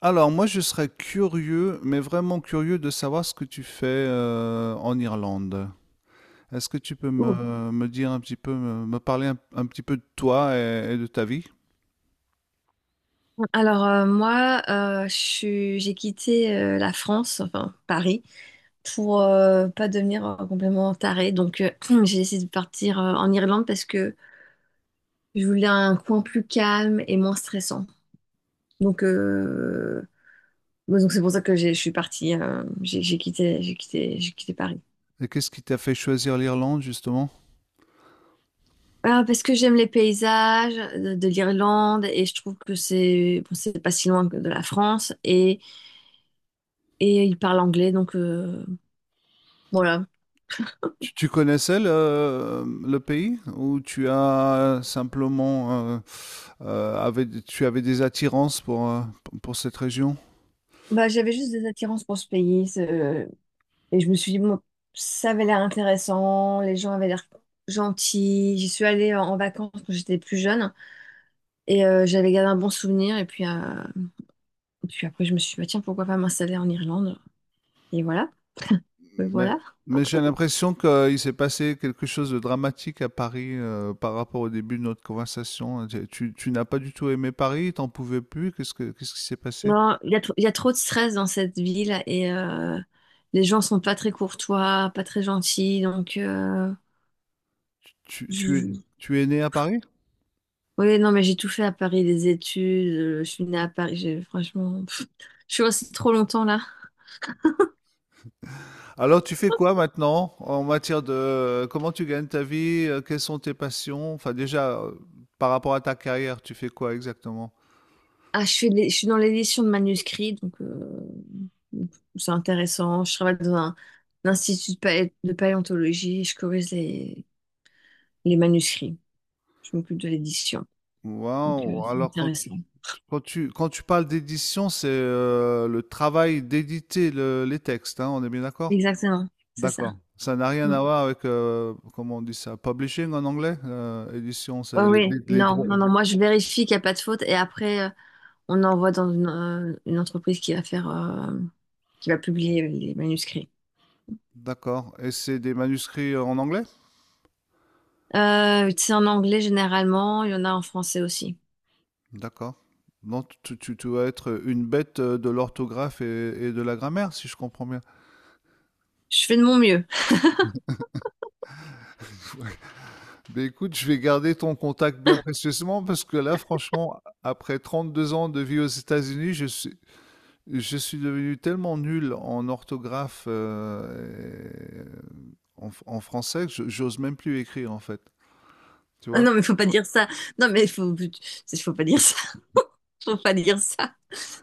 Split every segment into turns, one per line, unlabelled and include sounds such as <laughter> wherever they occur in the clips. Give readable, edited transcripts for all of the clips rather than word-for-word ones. Alors moi je serais curieux, mais vraiment curieux de savoir ce que tu fais en Irlande. Est-ce que tu peux
Ouh.
me dire un petit peu, me parler un petit peu de toi et de ta vie?
Alors, moi, j'ai quitté la France, enfin Paris, pour pas devenir complètement tarée. Donc <clears throat> j'ai décidé de partir en Irlande, parce que je voulais un coin plus calme et moins stressant. Donc bon, donc c'est pour ça que je suis partie, j'ai quitté, Paris.
Et qu'est-ce qui t'a fait choisir l'Irlande justement?
Ah, parce que j'aime les paysages de l'Irlande, et je trouve que c'est bon, c'est pas si loin que de la France, et ils parlent anglais, donc voilà.
Tu connaissais le pays ou tu as simplement tu avais des attirances pour, pour cette région?
Bah, j'avais juste des attirances pour ce pays. Et je me suis dit, moi, ça avait l'air intéressant, les gens avaient l'air gentils. J'y suis allée en vacances quand j'étais plus jeune, et j'avais gardé un bon souvenir. Et puis, après, je me suis dit, bah, tiens, pourquoi pas m'installer en Irlande? Et voilà, me
Mais,
voilà.
mais j'ai l'impression qu'il s'est passé quelque chose de dramatique à Paris par rapport au début de notre conversation. Tu n'as pas du tout aimé Paris, t'en pouvais plus. Qu'est-ce qui s'est passé?
Non, il y a trop de stress dans cette ville, et les gens sont pas très courtois, pas très gentils. Donc,
Tu, tu es,
je-
Tu es né à Paris?
oui, non, mais j'ai tout fait à Paris, des études, je suis née à Paris, franchement. Je suis restée trop longtemps là.
Alors tu fais quoi maintenant en matière de comment tu gagnes ta vie, quelles sont tes passions? Enfin déjà, par rapport à ta carrière, tu fais quoi exactement?
Ah, je suis dans l'édition de manuscrits, donc c'est intéressant. Je travaille dans un institut de paléontologie, et je corrige les manuscrits. Je m'occupe de l'édition, donc
Waouh,
c'est intéressant.
quand tu parles d'édition, c'est le travail d'éditer les textes, hein, on est bien d'accord?
Exactement, c'est ça.
D'accord. Ça n'a rien
Mm.
à voir avec, comment on dit ça, publishing en anglais? Édition,
Ouais,
c'est
ouais.
les
Non,
droits.
non, non. Moi, je vérifie qu'il n'y a pas de faute, et après, on envoie dans une entreprise qui va faire, qui va publier les manuscrits.
D'accord. Et c'est des manuscrits en anglais?
C'est en anglais généralement. Il y en a en français aussi.
D'accord. Donc tu vas être une bête de l'orthographe et de la grammaire, si je comprends bien.
Je fais de mon mieux.
Mais écoute, je vais garder ton contact bien
<laughs>
précieusement parce que là, franchement, après 32 ans de vie aux États-Unis, je suis devenu tellement nul en orthographe et en français que j'ose même plus écrire en fait. Tu
Ah
vois?
non, mais faut pas dire ça. Non, mais faut pas dire ça. <laughs> Faut pas dire ça.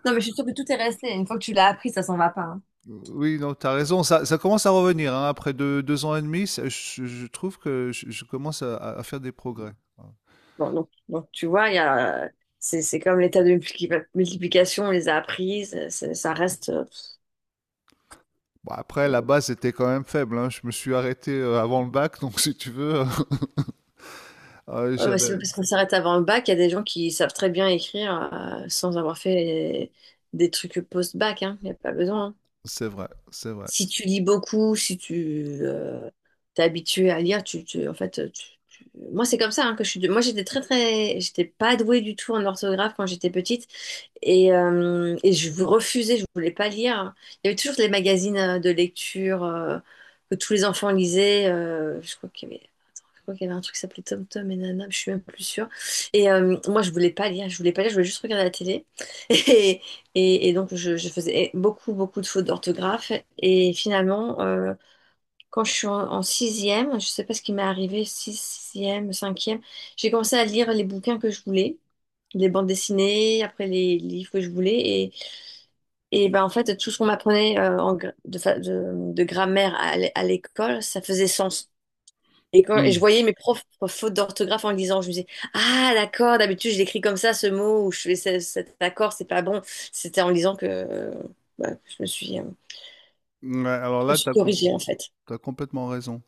Non, mais je suis sûre que tout est resté. Une fois que tu l'as appris, ça s'en va pas, hein.
Oui, non, t'as raison, ça commence à revenir, hein, après 2 2 ans et demi, ça je trouve que je commence à faire des progrès. Ouais.
Bon, donc, tu vois, c'est comme l'état de multiplication, on les a appris, ça, ça reste.
Bon après la base était quand même faible, hein, je me suis arrêté, avant le bac donc si tu veux, <laughs>
Ouais, bah, c'est
j'avais
pas parce qu'on s'arrête avant le bac, il y a des gens qui savent très bien écrire, sans avoir fait des trucs post-bac, hein. Il n'y a pas besoin, hein.
c'est vrai, c'est vrai.
Si tu lis beaucoup, si tu, t'es habitué à lire, en fait, moi c'est comme ça, hein, que je suis. Moi j'étais pas douée du tout en orthographe quand j'étais petite, et je refusais, je voulais pas lire. Il y avait toujours les magazines de lecture, que tous les enfants lisaient. Je crois qu'il y avait, attends, je crois qu'il y avait un truc qui s'appelait Tom Tom et Nana, mais je suis même plus sûre. Et moi, je voulais pas lire, je voulais juste regarder la télé. <laughs> Et donc je faisais beaucoup beaucoup de fautes d'orthographe, et finalement, quand je suis en sixième, je ne sais pas ce qui m'est arrivé, sixième, cinquième, j'ai commencé à lire les bouquins que je voulais, les bandes dessinées, après les livres que je voulais. Et ben, en fait, tout ce qu'on m'apprenait en gra- de, fa- de grammaire à l'école, ça faisait sens. Et
Mmh.
je voyais mes profs fautes d'orthographe en le lisant, je me disais, ah d'accord, d'habitude je l'écris comme ça ce mot, ou je fais cet accord, c'est pas bon. C'était en lisant que, bah,
Ouais, alors
je me
là,
suis
t'as com
corrigée en fait.
tu complètement raison.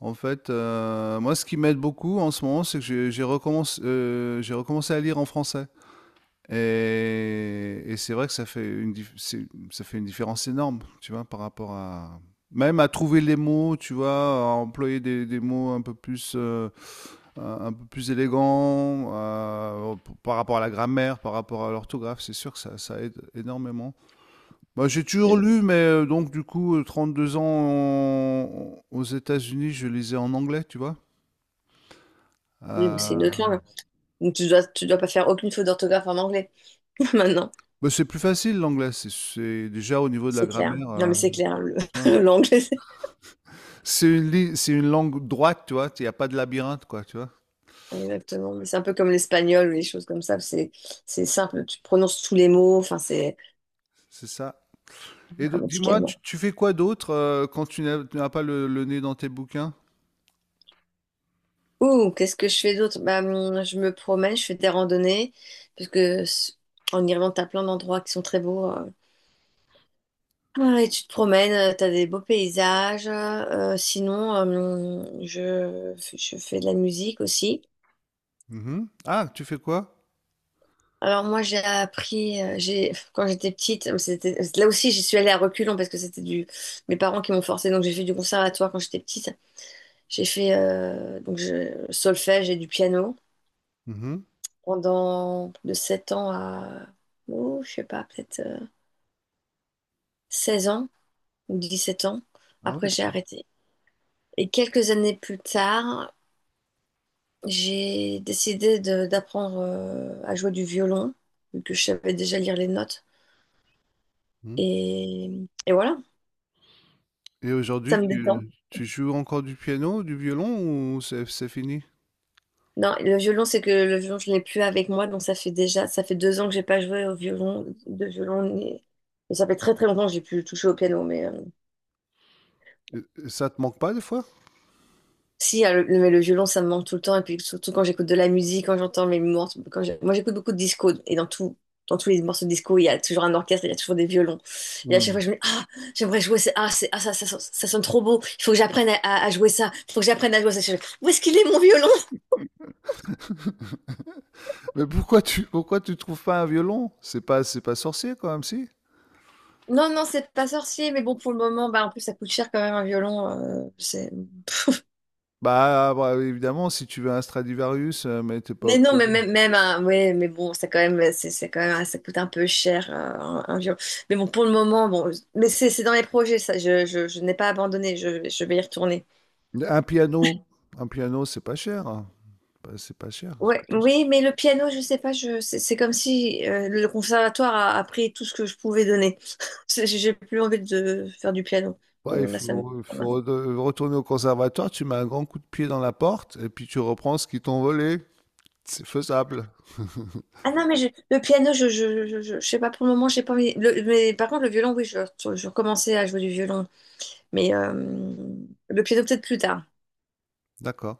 En fait, moi ce qui m'aide beaucoup en ce moment, c'est que j'ai recommencé à lire en français. Et c'est vrai que ça fait une différence énorme, tu vois, par rapport à... Même à trouver les mots, tu vois, à employer des mots un peu plus, un peu plus élégants, par rapport à la grammaire, par rapport à l'orthographe, c'est sûr que ça aide énormément. Bah, j'ai toujours
Mm.
lu, mais donc du coup, aux États-Unis, je lisais en anglais, tu vois.
Oui, moi, c'est une
Euh,
autre langue. Donc tu dois pas faire aucune faute d'orthographe en anglais <laughs> maintenant.
bah, c'est plus facile l'anglais, déjà au niveau de la
C'est clair.
grammaire.
Non, mais c'est clair.
Tu vois.
<laughs> L'anglais, c'est-
C'est une langue droite, tu vois. Il n'y a pas de labyrinthe, quoi, tu vois.
exactement. Mais c'est un peu comme l'espagnol ou les choses comme ça. C'est simple. Tu prononces tous les mots. Enfin, c'est
C'est ça. Et donc, dis-moi,
grammaticalement.
tu fais quoi d'autre quand tu n'as pas le nez dans tes bouquins?
Ouh, qu'est-ce que je fais d'autre? Bah, je me promène, je fais des randonnées. Parce que en Irlande, t'as plein d'endroits qui sont très beaux. Ah, et tu te promènes, t'as des beaux paysages. Sinon, je fais de la musique aussi.
Mhm. Ah, tu fais quoi?
Alors moi j'ai appris, j'ai quand j'étais petite, c'était là aussi, j'y suis allée à reculons parce que c'était du mes parents qui m'ont forcée, donc j'ai fait du conservatoire quand j'étais petite. J'ai fait donc solfège et du piano
Mhm.
pendant de 7 ans, à oh, je sais pas, peut-être 16 ans ou 17 ans.
Ah
Après
ouais.
j'ai arrêté. Et quelques années plus tard, j'ai décidé d'apprendre à jouer du violon, vu que je savais déjà lire les notes,
Mhm.
et et voilà,
Et
ça
aujourd'hui,
me détend.
tu joues encore du piano, du violon ou c'est fini?
Non, le violon, c'est que le violon, je l'ai plus avec moi, donc ça fait 2 ans que j'ai pas joué de violon, et ça fait très très longtemps que j'ai plus touché au piano, mais
Et- et ça te manque pas des fois?
si, le violon, ça me manque tout le temps, et puis surtout quand j'écoute de la musique, quand j'entends mes morceaux, moi j'écoute beaucoup de disco, et dans tous les morceaux de disco, il y a toujours un orchestre, il y a toujours des violons, et à chaque fois je me dis, ah, j'aimerais jouer, ça sonne trop beau, il faut que j'apprenne à jouer ça, il faut que j'apprenne à jouer ça. Où est-ce qu'il est mon violon?
<laughs> Mais pourquoi tu trouves pas un violon? C'est pas sorcier quand même si?
Non, non, c'est pas sorcier, mais bon, pour le moment, bah, en plus, ça coûte cher quand même, un violon. C'est...
Bah, bah, évidemment si tu veux un Stradivarius mais t'es pas
Mais non, mais même un, ouais, mais bon, ça quand même, c'est quand même, ça coûte un peu cher, un violon. Mais bon, pour le moment, bon, mais c'est dans les projets, ça, je n'ai pas abandonné, je vais y retourner.
Un piano, un piano, c'est pas cher, hein. Bah, c'est pas cher. C'est
Ouais,
pas cher.
oui, mais le piano, je sais pas, c'est comme si le conservatoire a pris tout ce que je pouvais donner. J'ai plus envie de faire du piano.
Ouais,
Bon, là, ça me...
il faut retourner au conservatoire, tu mets un grand coup de pied dans la porte et puis tu reprends ce qu'ils t'ont volé. C'est faisable. <laughs>
Ah non, mais le piano, je sais pas pour le moment, j'ai pas envie. Mais par contre, le violon, oui, je recommençais à jouer du violon. Mais le piano, peut-être plus tard.
D'accord.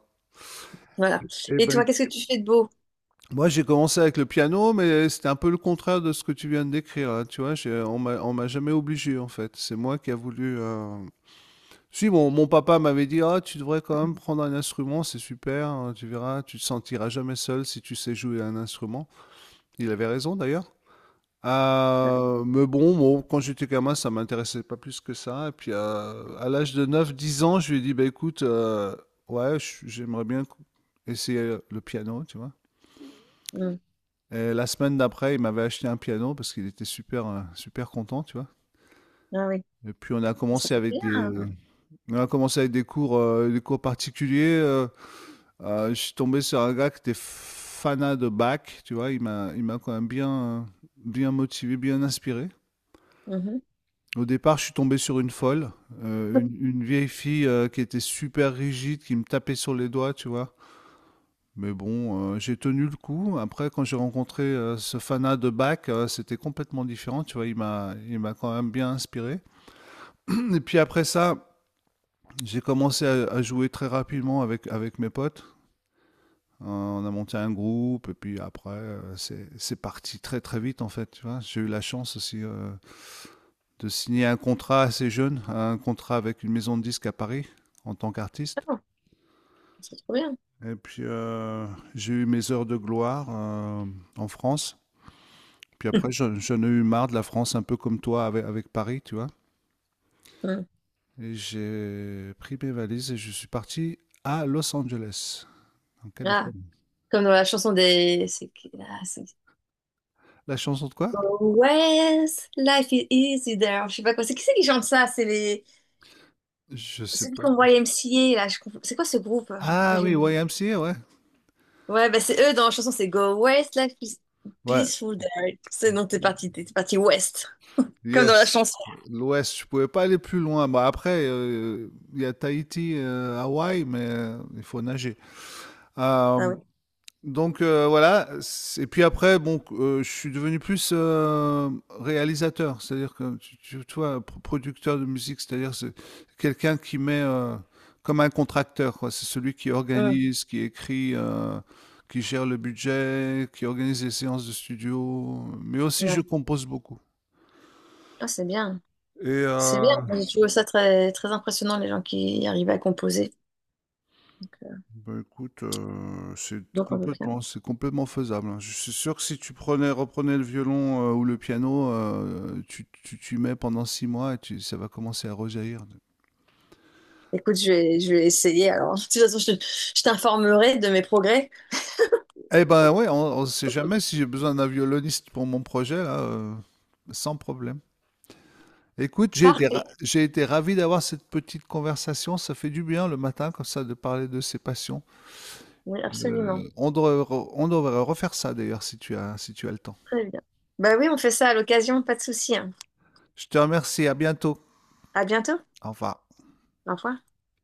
Voilà.
Eh
Et toi,
ben,
qu'est-ce que tu fais de beau?
moi j'ai commencé avec le piano, mais c'était un peu le contraire de ce que tu viens de décrire. Là, tu vois, on m'a jamais obligé en fait. C'est moi qui a voulu. Si mon papa m'avait dit, ah, tu devrais quand même prendre un instrument, c'est super. Hein, tu verras, tu te sentiras jamais seul si tu sais jouer un instrument. Il avait raison d'ailleurs. Mais bon, quand j'étais gamin, ça m'intéressait pas plus que ça. Et puis à l'âge de neuf, dix ans, je lui ai dit, bah écoute, ouais, j'aimerais essayer le piano, tu vois.
Hmm.
Et la semaine d'après, il m'avait acheté un piano parce qu'il était super, super content, tu vois.
Ah oui.
Et puis
Oh, c'est trop bien.
on a commencé avec des cours particuliers. Je suis tombé sur un gars qui était fanat de Bach, tu vois. Il m'a quand même bien, euh, bien motivé, bien inspiré.
Mhm.
Au départ, je suis tombé sur une folle, une vieille fille qui était super rigide, qui me tapait sur les doigts, tu vois. Mais bon, j'ai tenu le coup. Après, quand j'ai rencontré ce fanat de Bach, c'était complètement différent, tu vois. Il m'a quand même bien inspiré. <clears throat> Et puis après ça, j'ai commencé à jouer très rapidement avec mes potes. On a monté un groupe, et puis après, c'est parti très très vite, en fait, tu vois. J'ai eu la chance aussi. De signer un contrat assez jeune, un contrat avec une maison de disques à Paris en tant qu'artiste.
Ah, c'est trop bien.
Et puis j'ai eu mes heures de gloire en France. Puis après,
<laughs>
j'en ai eu marre de la France, un peu comme toi avec Paris, tu vois.
Hmm.
Et j'ai pris mes valises et je suis parti à Los Angeles, en
Ah,
Californie.
comme dans la chanson des. C'est... ah,
La chanson de quoi?
Always, life is easy there. Je sais pas quoi. C'est qui chante ça? C'est les...
Je sais
ceux qui
pas.
font YMCA, là. C'est quoi ce groupe? Ah,
Ah
j'ai
oui,
oublié.
YMCA, ouais.
Ouais, bah c'est eux dans la chanson, c'est Go West, like
Ouais,
peaceful day. C'est non, t'es parti West, comme dans la
yes,
chanson.
l'Ouest, je pouvais pas aller plus loin. Bah après, il y a Tahiti, Hawaï, mais il faut nager. Euh,
Ah oui.
donc voilà. Et puis après, je suis devenu plus réalisateur, c'est-à-dire que tu vois, producteur de musique, c'est-à-dire c'est quelqu'un qui met comme un contracteur, quoi. C'est celui qui
Ouais.
organise, qui écrit. Qui gère le budget, qui organise les séances de studio, mais aussi je
Ouais.
compose beaucoup.
Ah, c'est bien.
Et
C'est bien.
euh,
Moi, j'ai trouvé ça très, très impressionnant, les gens qui arrivent à composer. Donc, euh,
Bah écoute,
donc, on peut bien.
c'est complètement faisable, hein. Je suis sûr que si tu prenais reprenais le violon, ou le piano, tu t'y mets pendant 6 mois et tu ça va commencer à rejaillir
Écoute, je vais essayer. Alors, de toute façon, je t'informerai de mes progrès.
eh ben, ouais, on sait jamais si j'ai besoin d'un violoniste pour mon projet là, sans problème. Écoute,
Parfait.
j'ai été ravi d'avoir cette petite conversation, ça fait du bien le matin comme ça de parler de ses passions.
Oui, absolument.
On devrait refaire ça d'ailleurs si tu as le temps.
Très bien. Bah oui, on fait ça à l'occasion, pas de souci, hein.
Je te remercie, à bientôt.
À bientôt.
Au revoir.
Au revoir.